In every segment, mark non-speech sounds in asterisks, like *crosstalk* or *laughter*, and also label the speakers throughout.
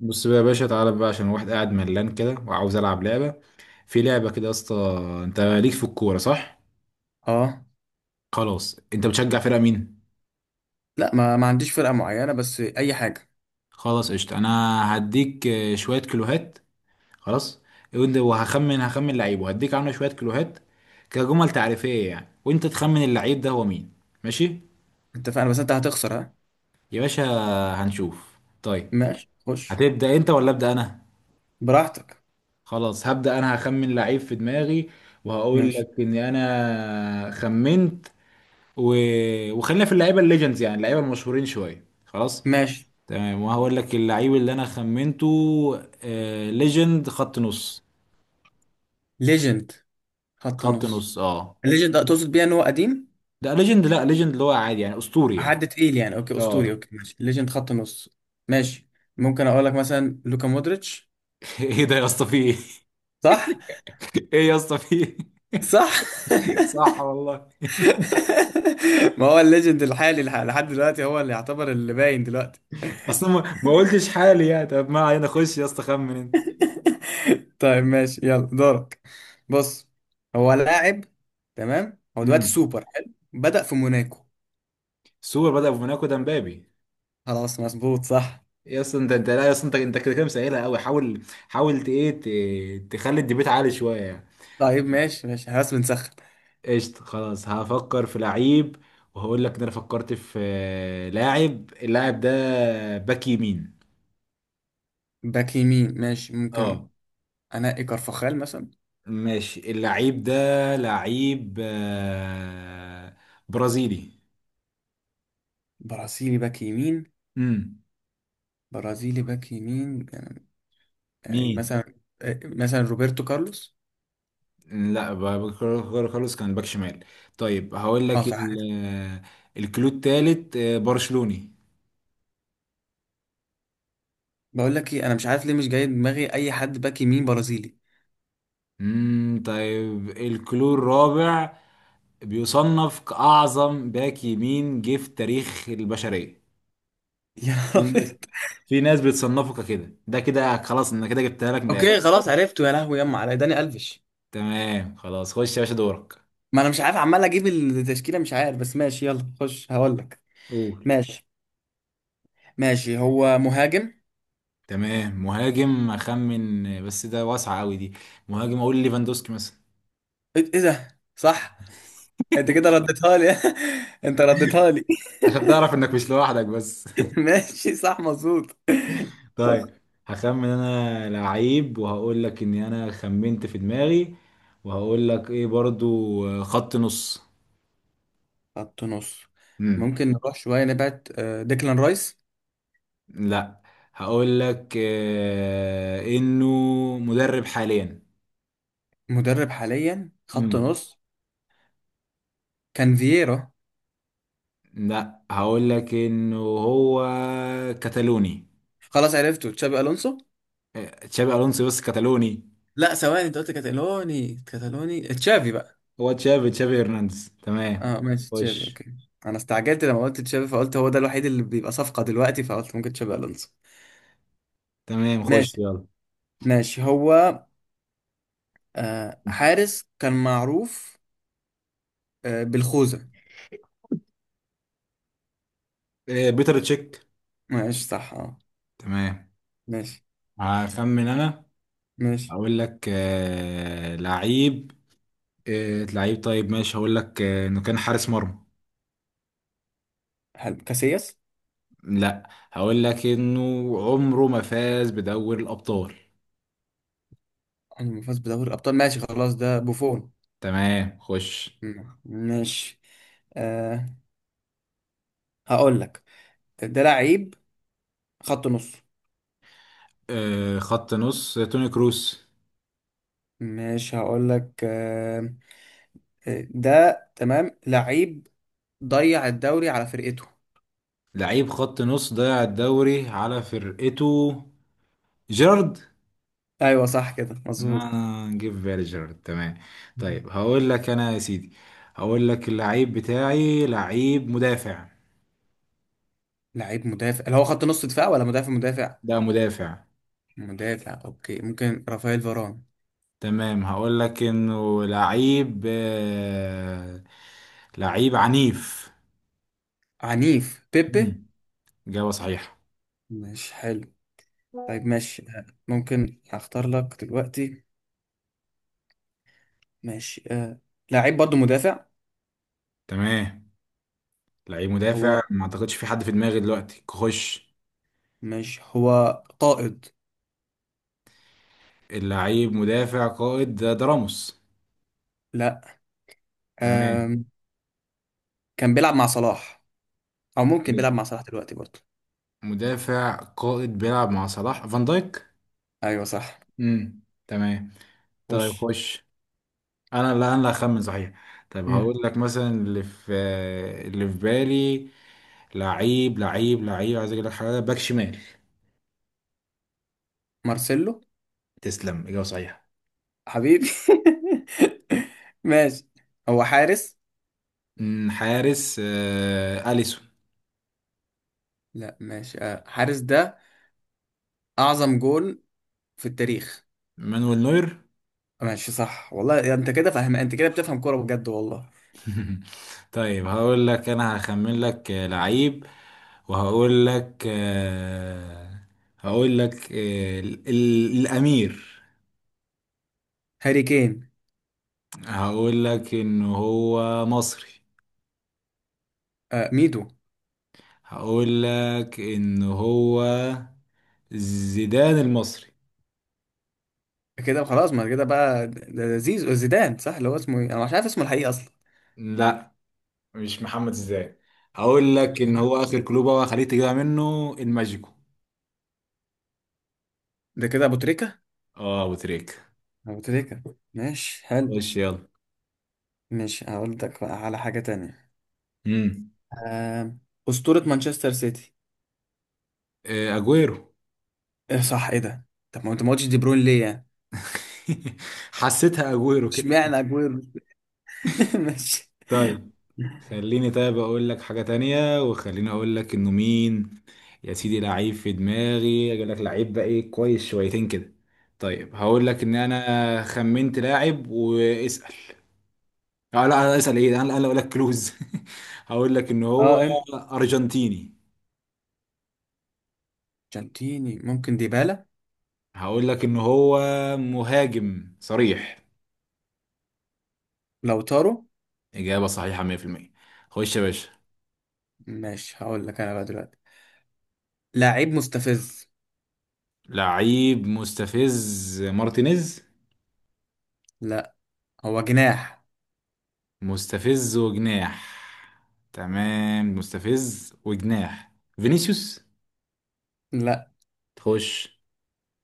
Speaker 1: بص بقى يا باشا، تعالى بقى عشان واحد قاعد ملان كده وعاوز العب لعبه. في لعبه كده يا اسطى. انت ليك في الكوره، صح؟
Speaker 2: اه،
Speaker 1: خلاص، انت بتشجع فرقه مين؟
Speaker 2: لا، ما عنديش فرقة معينة بس أي حاجة.
Speaker 1: خلاص قشطه. انا هديك شويه كيلوهات. خلاص. وهخمن لعيب وهديك عنه شويه كيلوهات، كجمل تعريفيه يعني، وانت تخمن اللعيب ده هو مين. ماشي
Speaker 2: اتفقنا بس أنت هتخسر، ها.
Speaker 1: يا باشا. هنشوف طيب.
Speaker 2: ماشي خش.
Speaker 1: هتبدا انت ولا ابدا انا؟
Speaker 2: براحتك.
Speaker 1: خلاص، هبدا انا، هخمن لعيب في دماغي وهقول
Speaker 2: ماشي
Speaker 1: لك اني انا خمنت. و... وخلينا في اللعيبه الليجندز، يعني اللعيبه المشهورين شويه خلاص.
Speaker 2: ماشي
Speaker 1: تمام، وهقول لك اللعيب اللي انا خمنته. ليجند خط نص.
Speaker 2: ليجند خط
Speaker 1: خط نص،
Speaker 2: نص.
Speaker 1: اه.
Speaker 2: الليجند ده تقصد بيها إن هو قديم؟
Speaker 1: ده ليجند، لا ليجند اللي هو عادي يعني، اسطوري يعني.
Speaker 2: حد تقيل يعني، أوكي أسطوري،
Speaker 1: اه.
Speaker 2: أوكي ماشي ليجند خط نص. ماشي، ممكن أقول لك مثلا لوكا مودريتش.
Speaker 1: *laughs* ايه ده يا اسطى، في ايه؟
Speaker 2: صح.
Speaker 1: *laughs* ايه يا اسطى، في ايه؟
Speaker 2: صح.
Speaker 1: *laughs* صح والله.
Speaker 2: *laughs* ما هو الليجند الحالي لحد دلوقتي هو اللي يعتبر اللي باين دلوقتي.
Speaker 1: اصلا ما قلتش حالي يعني، طب ما علينا، خش يا اسطى، خمن انت.
Speaker 2: *laughs* طيب ماشي يلا دورك. بص، هو لاعب. تمام، هو دلوقتي
Speaker 1: امم.
Speaker 2: سوبر حلو. بدأ في موناكو.
Speaker 1: سوبر بدأ بموناكو، ده مبابي.
Speaker 2: خلاص مظبوط صح.
Speaker 1: يا اسطى، انت لا يا اسطى، انت كده كده مسهلها قوي، حاول. حاول تخلي الديبيت عالي شويه يعني.
Speaker 2: طيب ماشي ماشي خلاص بنسخن.
Speaker 1: قشطة، خلاص، هفكر في لعيب وهقول لك ان انا فكرت في لاعب. اللاعب ده باك يمين.
Speaker 2: باك يمين ماشي ممكن.
Speaker 1: اه.
Speaker 2: أنقي كارفاخال مثلا.
Speaker 1: ماشي، اللعيب ده لعيب برازيلي.
Speaker 2: برازيلي باك يمين.
Speaker 1: امم،
Speaker 2: برازيلي باك يمين. يعني
Speaker 1: مين؟
Speaker 2: مثلا، مثلا روبرتو كارلوس.
Speaker 1: لا، خلاص، كان باك شمال. طيب هقول
Speaker 2: اه
Speaker 1: لك
Speaker 2: صح كده.
Speaker 1: الكلو التالت برشلوني.
Speaker 2: بقول لك ايه، انا مش عارف ليه مش جاي دماغي اي حد باك يمين برازيلي.
Speaker 1: امم. طيب الكلو الرابع، بيصنف كأعظم باك يمين جه في تاريخ البشرية.
Speaker 2: *laughs* يا
Speaker 1: في
Speaker 2: رب.
Speaker 1: ناس، في ناس بتصنفك كده، ده كده خلاص، انا كده جبتها لك من الاخر.
Speaker 2: اوكي خلاص عرفته، يا لهوي يما، على داني الفيش.
Speaker 1: تمام خلاص، خش يا باشا، دورك.
Speaker 2: ما انا مش عارف، عمال اجيب التشكيله مش عارف، بس ماشي يلا خش هقول لك.
Speaker 1: قول.
Speaker 2: ماشي. ماشي هو مهاجم.
Speaker 1: تمام، مهاجم اخمن، بس ده واسعه قوي دي. مهاجم، اقول ليفاندوسكي مثلا.
Speaker 2: ايه، إيه ده صح. انت كده رديتها لي. *laughs* انت رديتها لي.
Speaker 1: عشان تعرف انك مش لوحدك بس.
Speaker 2: *laughs* ماشي صح مظبوط.
Speaker 1: *laughs* طيب.
Speaker 2: بس.
Speaker 1: هخمن انا لعيب وهقول لك اني انا خمنت في دماغي، وهقول لك ايه برضو؟ خط نص.
Speaker 2: خط نص.
Speaker 1: امم.
Speaker 2: ممكن نروح شويه نبعد، ديكلان رايس.
Speaker 1: لا، هقول لك انه مدرب حاليا.
Speaker 2: مدرب حاليا خط
Speaker 1: امم.
Speaker 2: نص. كان فييرا.
Speaker 1: لا، هقول لك انه هو كتالوني.
Speaker 2: خلاص عرفته تشابي الونسو.
Speaker 1: تشابي الونسو، بس كتالوني.
Speaker 2: لا ثواني، انت قلت كاتالوني، كاتالوني تشافي بقى.
Speaker 1: هو تشابي، تشابي هرنانديز، تمام.
Speaker 2: اه ماشي تشافي
Speaker 1: خش.
Speaker 2: اوكي. انا استعجلت لما قلت تشافي، فقلت هو ده الوحيد اللي بيبقى صفقة دلوقتي، فقلت ممكن تشافي الونسو.
Speaker 1: تمام، خش
Speaker 2: ماشي.
Speaker 1: يلا.
Speaker 2: ماشي هو، آه حارس كان معروف، آه بالخوذة.
Speaker 1: بيتر تشيك.
Speaker 2: ماشي صح اه.
Speaker 1: تمام.
Speaker 2: ماشي.
Speaker 1: هخمن انا.
Speaker 2: ماشي
Speaker 1: هقول لك لعيب، لعيب، طيب ماشي، هقول لك انه كان حارس مرمى.
Speaker 2: حلو كاسياس.
Speaker 1: لا، هقول لك انه عمره ما فاز بدوري الابطال.
Speaker 2: عمره ما فاز بدوري الابطال ماشي خلاص ده بوفون.
Speaker 1: تمام، خش.
Speaker 2: مم، ماشي. آه، هقول لك، ده لعيب خط نص.
Speaker 1: خط نص، توني كروس.
Speaker 2: ماشي هقول لك آه. ده تمام لعيب، ضيع الدوري على فرقته.
Speaker 1: لعيب خط نص ضيع الدوري على فرقته، جيرارد.
Speaker 2: ايوه صح كده مظبوط.
Speaker 1: انا جه في بالي جيرارد، تمام. طيب هقول لك انا يا سيدي، هقول لك اللعيب بتاعي لعيب مدافع.
Speaker 2: لعيب مدافع، اللي هو خط نص دفاع ولا مدافع مدافع؟
Speaker 1: ده مدافع.
Speaker 2: مدافع اوكي، ممكن رافائيل فاران.
Speaker 1: تمام، هقول لك انه لعيب لعيب عنيف.
Speaker 2: عنيف بيبي.
Speaker 1: مم. إجابة صحيحة.
Speaker 2: مش حلو. طيب ماشي، ممكن اختار لك دلوقتي. ماشي آه. لعيب برضو مدافع.
Speaker 1: تمام. لعيب
Speaker 2: هو،
Speaker 1: مدافع، ما اعتقدش في حد في دماغي دلوقتي، خش.
Speaker 2: مش هو قائد؟
Speaker 1: اللعيب مدافع قائد، ده راموس.
Speaker 2: لا.
Speaker 1: تمام.
Speaker 2: آم. كان بيلعب مع صلاح، او ممكن بيلعب مع صلاح دلوقتي برضو.
Speaker 1: مدافع قائد بيلعب مع صلاح، فان دايك.
Speaker 2: ايوه صح.
Speaker 1: امم، تمام.
Speaker 2: خش.
Speaker 1: طيب خش. انا لا، انا اللي هخمن صحيح. طيب
Speaker 2: مم.
Speaker 1: هقول لك مثلا اللي في، اللي في بالي، لعيب عايز اجيب لك حاجه، باك شمال.
Speaker 2: مارسيلو.
Speaker 1: تسلم، اجابه صحيحه.
Speaker 2: حبيبي. *laughs* ماشي. هو حارس.
Speaker 1: حارس اليسون.
Speaker 2: لا ماشي، حارس ده اعظم جول في التاريخ.
Speaker 1: مانويل نوير.
Speaker 2: ماشي صح والله، يا انت كده فاهم، انت كده بتفهم كوره بجد والله.
Speaker 1: *laughs* طيب. هقول لك انا، هخمن لك لعيب، وهقول لك الامير.
Speaker 2: هاري كين.
Speaker 1: هقول لك ان هو مصري.
Speaker 2: آه ميدو.
Speaker 1: هقول لك ان هو زيدان المصري.
Speaker 2: كده خلاص، ما كده بقى ده، ده زيزو زيدان صح، اللي هو اسمه ايه، انا مش عارف اسمه الحقيقي اصلا.
Speaker 1: لا، مش محمد زيدان. هقول لك ان هو اخر كلوبة، وخليك تجيبها منه، الماجيكو.
Speaker 2: ده كده ابو تريكه.
Speaker 1: اه، ابو تريك.
Speaker 2: ابو تريكه. ماشي حلو.
Speaker 1: خش يلا.
Speaker 2: ماشي هقول لك بقى على حاجه تانية.
Speaker 1: امم.
Speaker 2: آه، اسطوره مانشستر سيتي.
Speaker 1: اجويرو.
Speaker 2: ايه صح، ايه ده؟ طب ما انت ما قلتش دي بروين ليه يعني؟
Speaker 1: *laughs* حسيتها اجويرو كده.
Speaker 2: اشمعنى اجويرو؟ *laughs* ماشي.
Speaker 1: طيب. خليني طيب اقول لك حاجة تانية، وخليني اقول لك انه مين. يا سيدي لعيب في دماغي، اقول لك لعيب بقى ايه كويس شويتين كده. طيب هقول لك ان انا خمنت لاعب واسأل. اه لا، انا اسأل ايه؟ انا اقول لك كلوز. *laughs* هقول لك ان هو
Speaker 2: اه انت،
Speaker 1: ارجنتيني.
Speaker 2: جانتيني ممكن ديبالا.
Speaker 1: هقول لك ان هو مهاجم صريح.
Speaker 2: لو طاروا.
Speaker 1: اجابة صحيحة 100%. خش يا باشا.
Speaker 2: ماشي هقول لك انا بقى دلوقتي. لعيب مستفز.
Speaker 1: لعيب مستفز، مارتينيز.
Speaker 2: لا. هو جناح.
Speaker 1: مستفز وجناح. تمام، مستفز وجناح، فينيسيوس.
Speaker 2: لا.
Speaker 1: خش.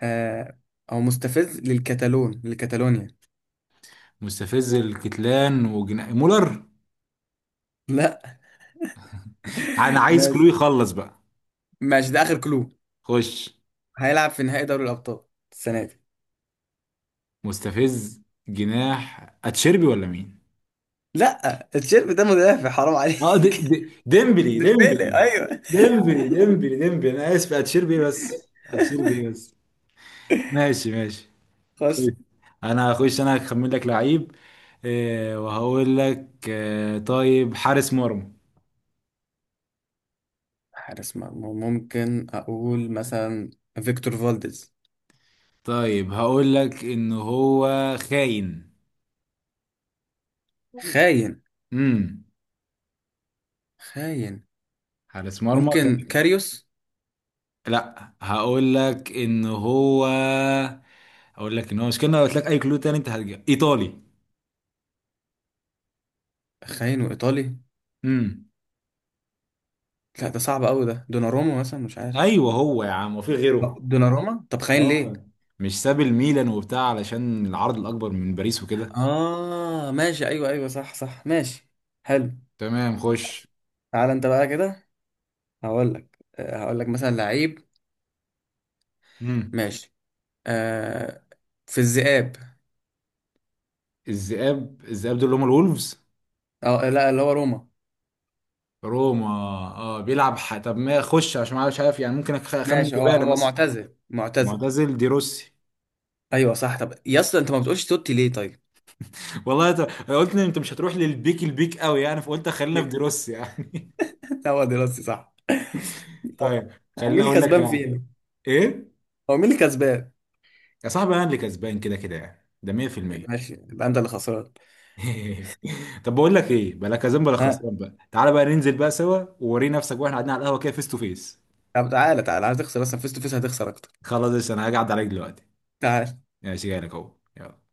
Speaker 2: آه، هو مستفز للكتالون، لكتالونيا.
Speaker 1: مستفز الكتلان وجناح، مولر.
Speaker 2: لا.
Speaker 1: انا
Speaker 2: *laughs*
Speaker 1: عايز
Speaker 2: ماشي.
Speaker 1: كلو يخلص بقى.
Speaker 2: ماشي ده اخر كلو.
Speaker 1: خش.
Speaker 2: هيلعب في نهائي دوري الابطال السنه دي.
Speaker 1: مستفز جناح، اتشيربي ولا مين؟
Speaker 2: لا الشيرب ده مدافع، حرام
Speaker 1: اه، دي
Speaker 2: عليك. *laughs*
Speaker 1: دي
Speaker 2: ديمبلي ايوه.
Speaker 1: ديمبلي، انا اسف، اتشيربي إيه بس، اتشيربي إيه بس. ماشي، ماشي.
Speaker 2: خش.
Speaker 1: خش. انا هخش، انا هخمن لك لعيب وهقول لك طيب، حارس مرمى.
Speaker 2: حارس مرمى، ممكن اقول مثلا فيكتور فالديز.
Speaker 1: طيب هقول لك ان هو خاين.
Speaker 2: خاين.
Speaker 1: امم.
Speaker 2: خاين.
Speaker 1: حارس مرمى
Speaker 2: ممكن
Speaker 1: خاين.
Speaker 2: كاريوس.
Speaker 1: لا، هقول لك ان هو، هقول لك ان هو مش كده، لو قلت لك اي كلو تاني انت هتجيب ايطالي.
Speaker 2: خاين وايطالي؟
Speaker 1: امم.
Speaker 2: لا ده صعب قوي، ده دوناروما مثلا مش عارف.
Speaker 1: ايوه، هو يا عم، وفي غيره.
Speaker 2: دوناروما، طب خاين ليه؟
Speaker 1: اه، مش ساب الميلان وبتاع علشان العرض الاكبر من باريس وكده.
Speaker 2: اه ماشي، ايوه ايوه صح صح ماشي. حلو.
Speaker 1: تمام، خش.
Speaker 2: تعالى انت بقى كده. هقول لك هقول لك مثلا لعيب.
Speaker 1: امم.
Speaker 2: ماشي. آه، في الذئاب.
Speaker 1: الذئاب، الذئاب دول اللي هم الولفز.
Speaker 2: اه لا اللي هو روما.
Speaker 1: روما. اه، بيلعب طب ما خش عشان ما مش عارف يعني، ممكن اخمن
Speaker 2: ماشي هو،
Speaker 1: ديبالا
Speaker 2: هو
Speaker 1: مثلا.
Speaker 2: معتزل معتزل.
Speaker 1: معتزل، دي روسي.
Speaker 2: ايوه صح. طب يا اسطى انت ما بتقولش توتي ليه طيب؟
Speaker 1: والله، قلت ان انت مش هتروح للبيك، البيك قوي يعني، فقلت خلينا في دروس يعني.
Speaker 2: *laughs* هو دراستي صح.
Speaker 1: *laughs*
Speaker 2: هو،
Speaker 1: طيب.
Speaker 2: هو مين
Speaker 1: خليني
Speaker 2: اللي
Speaker 1: اقول لك
Speaker 2: كسبان
Speaker 1: لا.
Speaker 2: فينا؟
Speaker 1: ايه؟
Speaker 2: هو مين اللي كسبان؟
Speaker 1: يا صاحبي، انا اللي كسبان كده كده يعني، ده 100%.
Speaker 2: ماشي، يبقى انت اللي خسران.
Speaker 1: *laughs* طب بقول لك ايه، بلا كسبان بلا
Speaker 2: ها
Speaker 1: خسران بقى، تعالى بقى ننزل بقى سوا، ووري نفسك واحنا قاعدين على القهوه كده، فيس تو فيس.
Speaker 2: طب تعالى، تعالى هتخسر اصلا، فيس تو فيس هتخسر اكتر.
Speaker 1: خلاص يا أسطى، انا هقعد عليك دلوقتي.
Speaker 2: تعال
Speaker 1: ماشي، جاي لك اهو. يلا.